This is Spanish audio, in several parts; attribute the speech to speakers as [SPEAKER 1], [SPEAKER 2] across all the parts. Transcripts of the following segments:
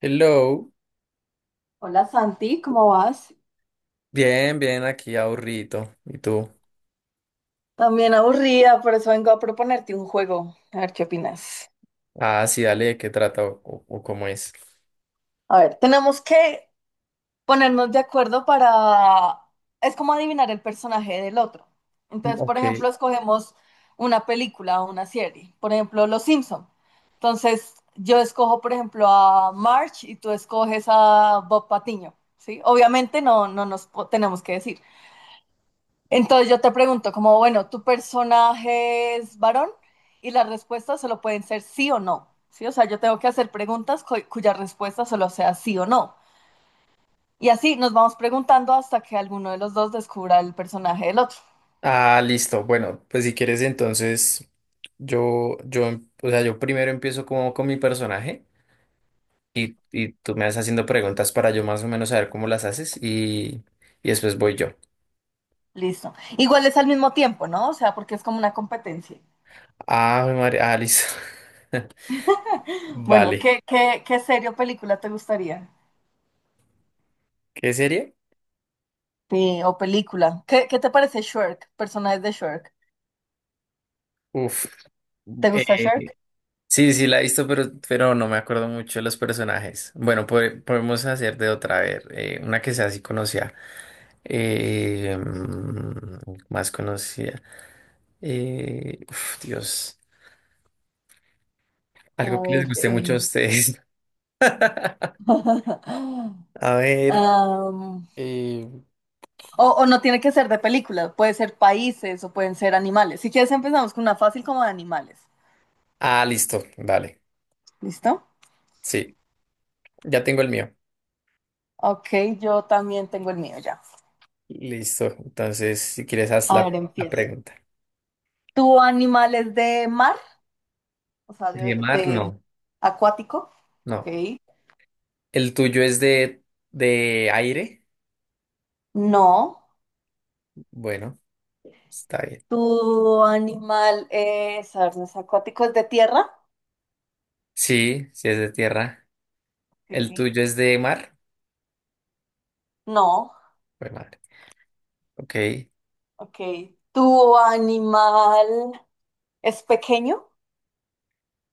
[SPEAKER 1] Hello,
[SPEAKER 2] Hola Santi, ¿cómo vas?
[SPEAKER 1] bien, bien, aquí aburrido. ¿Y tú?
[SPEAKER 2] También aburrida, por eso vengo a proponerte un juego. A ver qué opinas.
[SPEAKER 1] Ah, sí, dale, ¿de qué trata o cómo es?
[SPEAKER 2] A ver, tenemos que ponernos de acuerdo para... Es como adivinar el personaje del otro.
[SPEAKER 1] Mm,
[SPEAKER 2] Entonces, por
[SPEAKER 1] ok.
[SPEAKER 2] ejemplo, escogemos una película o una serie. Por ejemplo, Los Simpson. Entonces, yo escojo, por ejemplo, a Marge y tú escoges a Bob Patiño, ¿sí? Obviamente no, tenemos que decir. Entonces yo te pregunto, como bueno, ¿tu personaje es varón? Y las respuestas solo pueden ser sí o no. ¿Sí? O sea, yo tengo que hacer preguntas cuya respuesta solo sea sí o no. Y así nos vamos preguntando hasta que alguno de los dos descubra el personaje del otro.
[SPEAKER 1] Ah, listo. Bueno, pues si quieres entonces yo, em- o sea, yo primero empiezo como con mi personaje y tú me vas haciendo preguntas para yo más o menos saber cómo las haces y después voy yo.
[SPEAKER 2] Listo. Igual es al mismo tiempo, ¿no? O sea, porque es como una competencia.
[SPEAKER 1] Ah, María, ah, listo.
[SPEAKER 2] Bueno,
[SPEAKER 1] Vale.
[SPEAKER 2] ¿qué serie o película te gustaría?
[SPEAKER 1] ¿Qué serie?
[SPEAKER 2] Sí, o película. ¿Qué te parece Shrek? Personajes de Shrek.
[SPEAKER 1] Uf.
[SPEAKER 2] ¿Te gusta Shrek?
[SPEAKER 1] Sí, sí, la he visto, pero no me acuerdo mucho de los personajes. Bueno, podemos hacer de otra, a ver, una que sea así conocida. Eh, mm, Más conocida. Uf, Dios, algo
[SPEAKER 2] A
[SPEAKER 1] que les
[SPEAKER 2] ver.
[SPEAKER 1] guste mucho a ustedes. A ver.
[SPEAKER 2] Am,
[SPEAKER 1] eh,
[SPEAKER 2] O, no tiene que ser de películas, puede ser países o pueden ser animales. Si quieres empezamos con una fácil como de animales.
[SPEAKER 1] ah, listo, vale.
[SPEAKER 2] ¿Listo?
[SPEAKER 1] Sí, ya tengo el mío.
[SPEAKER 2] Ok, yo también tengo el mío ya.
[SPEAKER 1] Listo, entonces, si quieres, haz
[SPEAKER 2] A
[SPEAKER 1] la,
[SPEAKER 2] ver,
[SPEAKER 1] la
[SPEAKER 2] empiezo.
[SPEAKER 1] pregunta.
[SPEAKER 2] ¿Tu animal es de mar? O sea,
[SPEAKER 1] ¿De
[SPEAKER 2] de,
[SPEAKER 1] mar?
[SPEAKER 2] de
[SPEAKER 1] No,
[SPEAKER 2] acuático. Ok.
[SPEAKER 1] no. ¿El tuyo es de aire?
[SPEAKER 2] No.
[SPEAKER 1] Bueno, está bien.
[SPEAKER 2] ¿Tu animal es, a ver, no es acuático? ¿Es de tierra?
[SPEAKER 1] Sí, sí es de tierra.
[SPEAKER 2] Ok.
[SPEAKER 1] ¿El tuyo es de mar?
[SPEAKER 2] No.
[SPEAKER 1] Jue madre. Ok.
[SPEAKER 2] Ok. ¿Tu animal es pequeño?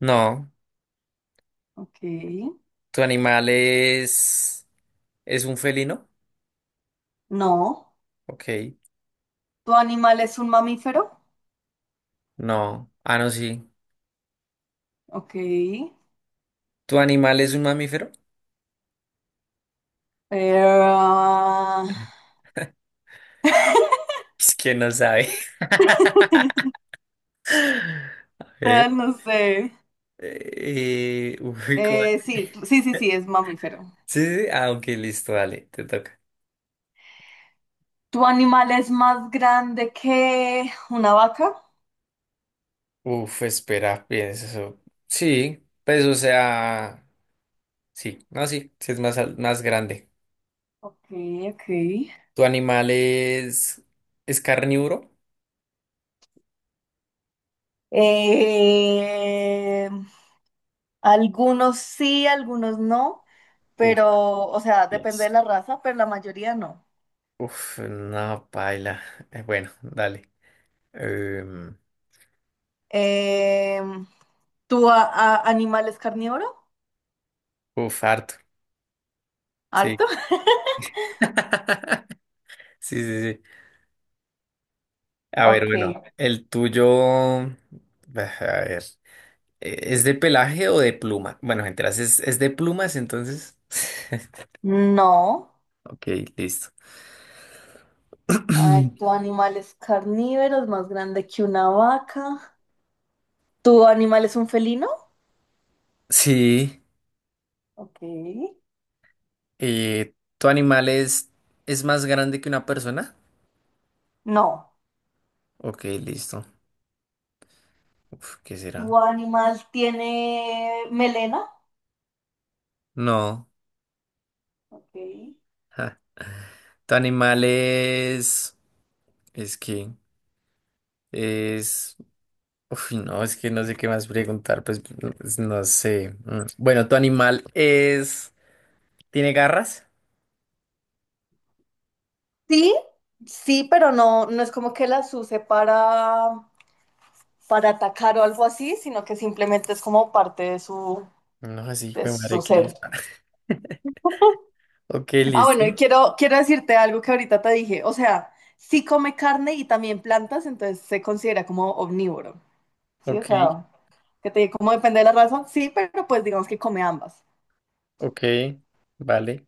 [SPEAKER 1] No.
[SPEAKER 2] Ok.
[SPEAKER 1] ¿Tu animal es un felino?
[SPEAKER 2] No.
[SPEAKER 1] Ok.
[SPEAKER 2] ¿Tu animal es un mamífero?
[SPEAKER 1] No. Ah, no, sí.
[SPEAKER 2] Ok,
[SPEAKER 1] ¿Tu animal es un mamífero?
[SPEAKER 2] pero,
[SPEAKER 1] Es que no sabe. A
[SPEAKER 2] pero
[SPEAKER 1] ver.
[SPEAKER 2] no sé.
[SPEAKER 1] Uy, ¿cómo?
[SPEAKER 2] Sí, sí, sí, sí, es mamífero.
[SPEAKER 1] Sí, sí, sí. Ah, ok, listo, dale, te toca.
[SPEAKER 2] ¿Tu animal es más grande que una vaca?
[SPEAKER 1] Uf, espera, piensa eso. Sí, pues o sea, sí, no, sí, sí es más, más grande.
[SPEAKER 2] Ok, ok.
[SPEAKER 1] ¿Tu animal es carnívoro?
[SPEAKER 2] Eh, Algunos sí, algunos no,
[SPEAKER 1] Uf,
[SPEAKER 2] pero, o sea, depende de
[SPEAKER 1] yes.
[SPEAKER 2] la raza, pero la mayoría no.
[SPEAKER 1] Uf, no, paila. Bueno, dale. Em,
[SPEAKER 2] Eh, ¿Tu animal es carnívoro?
[SPEAKER 1] Uf, harto. Sí.
[SPEAKER 2] ¿Harto?
[SPEAKER 1] Sí, sí, sí. A ver,
[SPEAKER 2] Ok,
[SPEAKER 1] bueno, el tuyo. mm, A ver. ¿Es de pelaje o de pluma? Bueno, mientras es de plumas, entonces.
[SPEAKER 2] no.
[SPEAKER 1] Ok, listo.
[SPEAKER 2] A ver, ¿tu animal es carnívoro, es más grande que una vaca? ¿Tu animal es un felino?
[SPEAKER 1] Sí.
[SPEAKER 2] Ok.
[SPEAKER 1] ¿Tu animal es más grande que una persona?
[SPEAKER 2] No.
[SPEAKER 1] Ok, listo. Uf, ¿qué será?
[SPEAKER 2] ¿Tu animal tiene melena?
[SPEAKER 1] No,
[SPEAKER 2] Ok.
[SPEAKER 1] ja. Tu animal es que, es uf, no, es que no sé qué más preguntar, pues, pues, no sé. Mm. Bueno, tu animal es, ¿tiene garras?
[SPEAKER 2] Sí, sí, pero no, no es como que las use para atacar o algo así, sino que simplemente es como parte
[SPEAKER 1] No, así, hijo
[SPEAKER 2] de
[SPEAKER 1] de
[SPEAKER 2] su
[SPEAKER 1] madre, ¿qué
[SPEAKER 2] ser.
[SPEAKER 1] es? Ok,
[SPEAKER 2] Ah,
[SPEAKER 1] listo.
[SPEAKER 2] bueno, y quiero, quiero decirte algo que ahorita te dije. O sea, sí come carne y también plantas, entonces se considera como omnívoro. Sí, o
[SPEAKER 1] Ok,
[SPEAKER 2] sea. Que te digo, ¿cómo depende de la raza? Sí, pero pues digamos que come ambas.
[SPEAKER 1] ok, vale.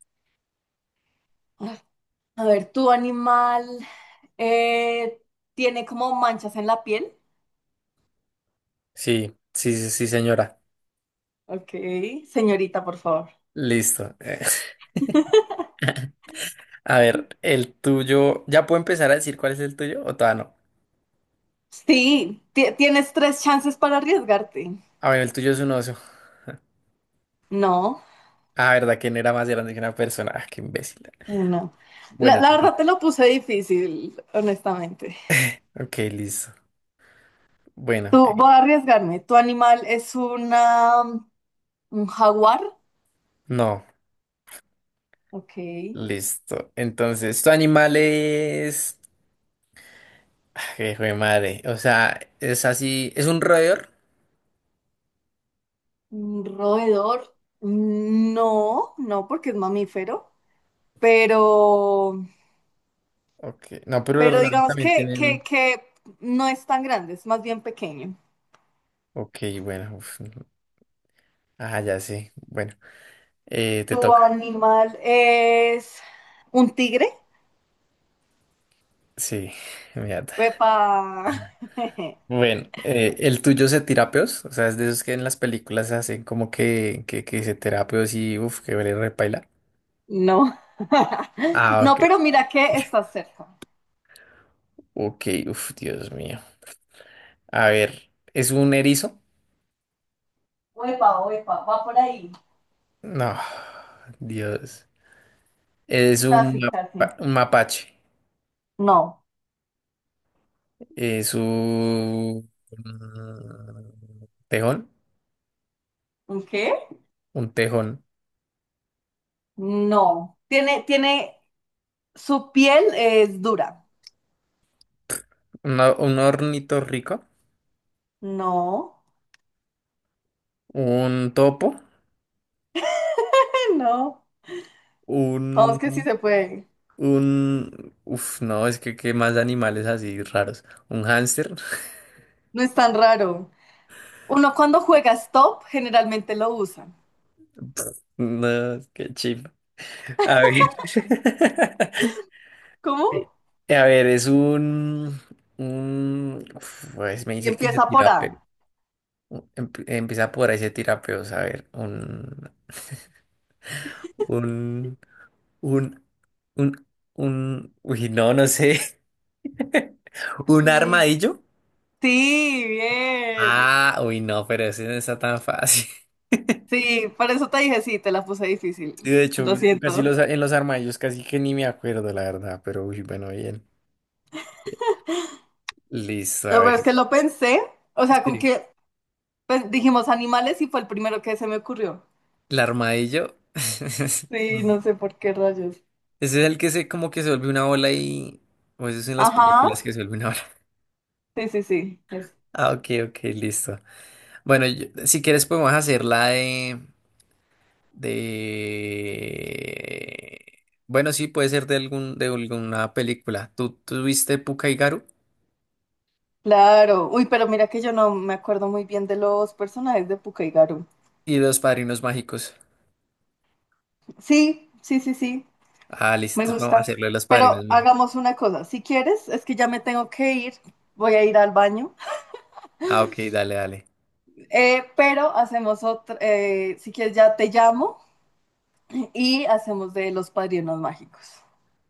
[SPEAKER 2] Ay, a ver, ¿tu animal eh, tiene como manchas en la piel?
[SPEAKER 1] Sí, sí, sí, sí, señora.
[SPEAKER 2] Ok, señorita, por favor.
[SPEAKER 1] Listo. A ver, el tuyo, ¿ya puedo empezar a decir cuál es el tuyo o todavía no?
[SPEAKER 2] Sí, tienes tres chances para arriesgarte.
[SPEAKER 1] A ver, el tuyo es un oso.
[SPEAKER 2] No,
[SPEAKER 1] Ah, ¿verdad? ¿Quién era más grande que una persona? Ah, qué imbécil.
[SPEAKER 2] no. La,
[SPEAKER 1] Bueno,
[SPEAKER 2] la verdad te lo puse difícil, honestamente.
[SPEAKER 1] ok, listo. Bueno,
[SPEAKER 2] Tú, voy a arriesgarme. ¿Tu animal es un jaguar?
[SPEAKER 1] no,
[SPEAKER 2] Ok.
[SPEAKER 1] listo. Entonces, tu animal es... Ay, hijo de madre. O sea, es así, es un roedor.
[SPEAKER 2] ¿Un roedor? No, no, porque es mamífero. pero,
[SPEAKER 1] Ok, no, pero los
[SPEAKER 2] pero
[SPEAKER 1] roedores
[SPEAKER 2] digamos
[SPEAKER 1] también
[SPEAKER 2] que, que,
[SPEAKER 1] tienen...
[SPEAKER 2] que no es tan grande, es más bien pequeño.
[SPEAKER 1] Ok, bueno. Uf, no. Ah, ya sí. Bueno, te
[SPEAKER 2] Tu
[SPEAKER 1] toca.
[SPEAKER 2] animal es un tigre.
[SPEAKER 1] Sí, mierda.
[SPEAKER 2] Uepa.
[SPEAKER 1] Bueno, ¿el tuyo se tira peos? O sea, es de esos que en las películas hacen como que se tira peos y uff, que vale repaila.
[SPEAKER 2] No.
[SPEAKER 1] Ah,
[SPEAKER 2] No,
[SPEAKER 1] ok.
[SPEAKER 2] pero mira que está cerca.
[SPEAKER 1] Ok, uff, Dios mío. A ver, ¿es un erizo?
[SPEAKER 2] Uepa, uepa, va por ahí.
[SPEAKER 1] No, Dios. Es un,
[SPEAKER 2] Casi, casi.
[SPEAKER 1] un mapache.
[SPEAKER 2] No.
[SPEAKER 1] Es un tejón.
[SPEAKER 2] ¿Un qué?
[SPEAKER 1] Un tejón.
[SPEAKER 2] No. Tiene, tiene, su piel es dura.
[SPEAKER 1] Un ornitorrinco.
[SPEAKER 2] No.
[SPEAKER 1] Un topo.
[SPEAKER 2] No. Vamos que sí
[SPEAKER 1] Un.
[SPEAKER 2] se puede.
[SPEAKER 1] Un. Uf, no, es que qué más animales así raros. Un hámster.
[SPEAKER 2] No es tan raro. Uno cuando juega stop generalmente lo usa.
[SPEAKER 1] No, qué chip. A ver.
[SPEAKER 2] ¿Cómo?
[SPEAKER 1] A ver, es un. Un uf, pues me
[SPEAKER 2] Y
[SPEAKER 1] dice que se
[SPEAKER 2] empieza por
[SPEAKER 1] tira.
[SPEAKER 2] A.
[SPEAKER 1] Empieza por ahí, se tira peos, a ver, un, un, un, uy, no, no sé, un
[SPEAKER 2] Y-
[SPEAKER 1] armadillo.
[SPEAKER 2] Sí, bien.
[SPEAKER 1] Ah, uy, no, pero ese no está tan fácil.
[SPEAKER 2] Sí, por eso te dije, sí, te la puse difícil.
[SPEAKER 1] Sí, de hecho,
[SPEAKER 2] Lo
[SPEAKER 1] casi
[SPEAKER 2] siento.
[SPEAKER 1] los, en los armadillos casi que ni me acuerdo, la verdad, pero uy, bueno, bien. Listo, a
[SPEAKER 2] No, pero es
[SPEAKER 1] ver.
[SPEAKER 2] que lo pensé. O sea, con
[SPEAKER 1] Sí,
[SPEAKER 2] que pues, dijimos animales y fue el primero que se me ocurrió.
[SPEAKER 1] el armadillo.
[SPEAKER 2] Sí, no sé por qué rayos.
[SPEAKER 1] Ese es el que se como que se vuelve una bola y... O eso es en las
[SPEAKER 2] Ajá.
[SPEAKER 1] películas que se vuelve una bola.
[SPEAKER 2] Sí, sí, sí.
[SPEAKER 1] Ah, ok, ok, listo. Bueno, si quieres podemos hacer la de... Bueno, sí, puede ser de algún, de alguna película. ¿Tú viste Pucca y Garu?
[SPEAKER 2] Claro. Uy, pero mira que yo no me acuerdo muy bien de los personajes de Pucca y Garu.
[SPEAKER 1] Y Los Padrinos Mágicos.
[SPEAKER 2] Sí, sí, sí, sí.
[SPEAKER 1] Ah,
[SPEAKER 2] Me
[SPEAKER 1] listo, entonces vamos a
[SPEAKER 2] gusta.
[SPEAKER 1] hacerlo de Los
[SPEAKER 2] Pero
[SPEAKER 1] Padrinos Mágicos.
[SPEAKER 2] hagamos una cosa. Si quieres, es que ya me tengo que ir. Voy a ir al baño.
[SPEAKER 1] Ah, ok, dale, dale.
[SPEAKER 2] Pero hacemos otra. Si quieres, ya te llamo y hacemos de los padrinos mágicos.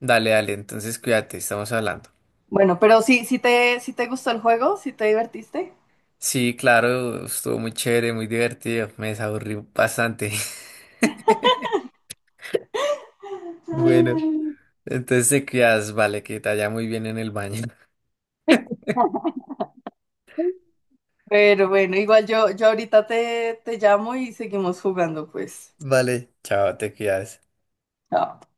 [SPEAKER 1] Dale, dale, entonces cuídate, estamos hablando.
[SPEAKER 2] Bueno, pero si, si te gustó el juego, si te divertiste.
[SPEAKER 1] Sí, claro, estuvo muy chévere, muy divertido, me desaburrí bastante. Bueno,
[SPEAKER 2] Ay.
[SPEAKER 1] entonces te cuidas, vale, que te vaya muy bien en el baño.
[SPEAKER 2] Pero bueno, igual yo, yo ahorita te llamo y seguimos jugando, pues.
[SPEAKER 1] Vale, chao, te cuidas.
[SPEAKER 2] Chao.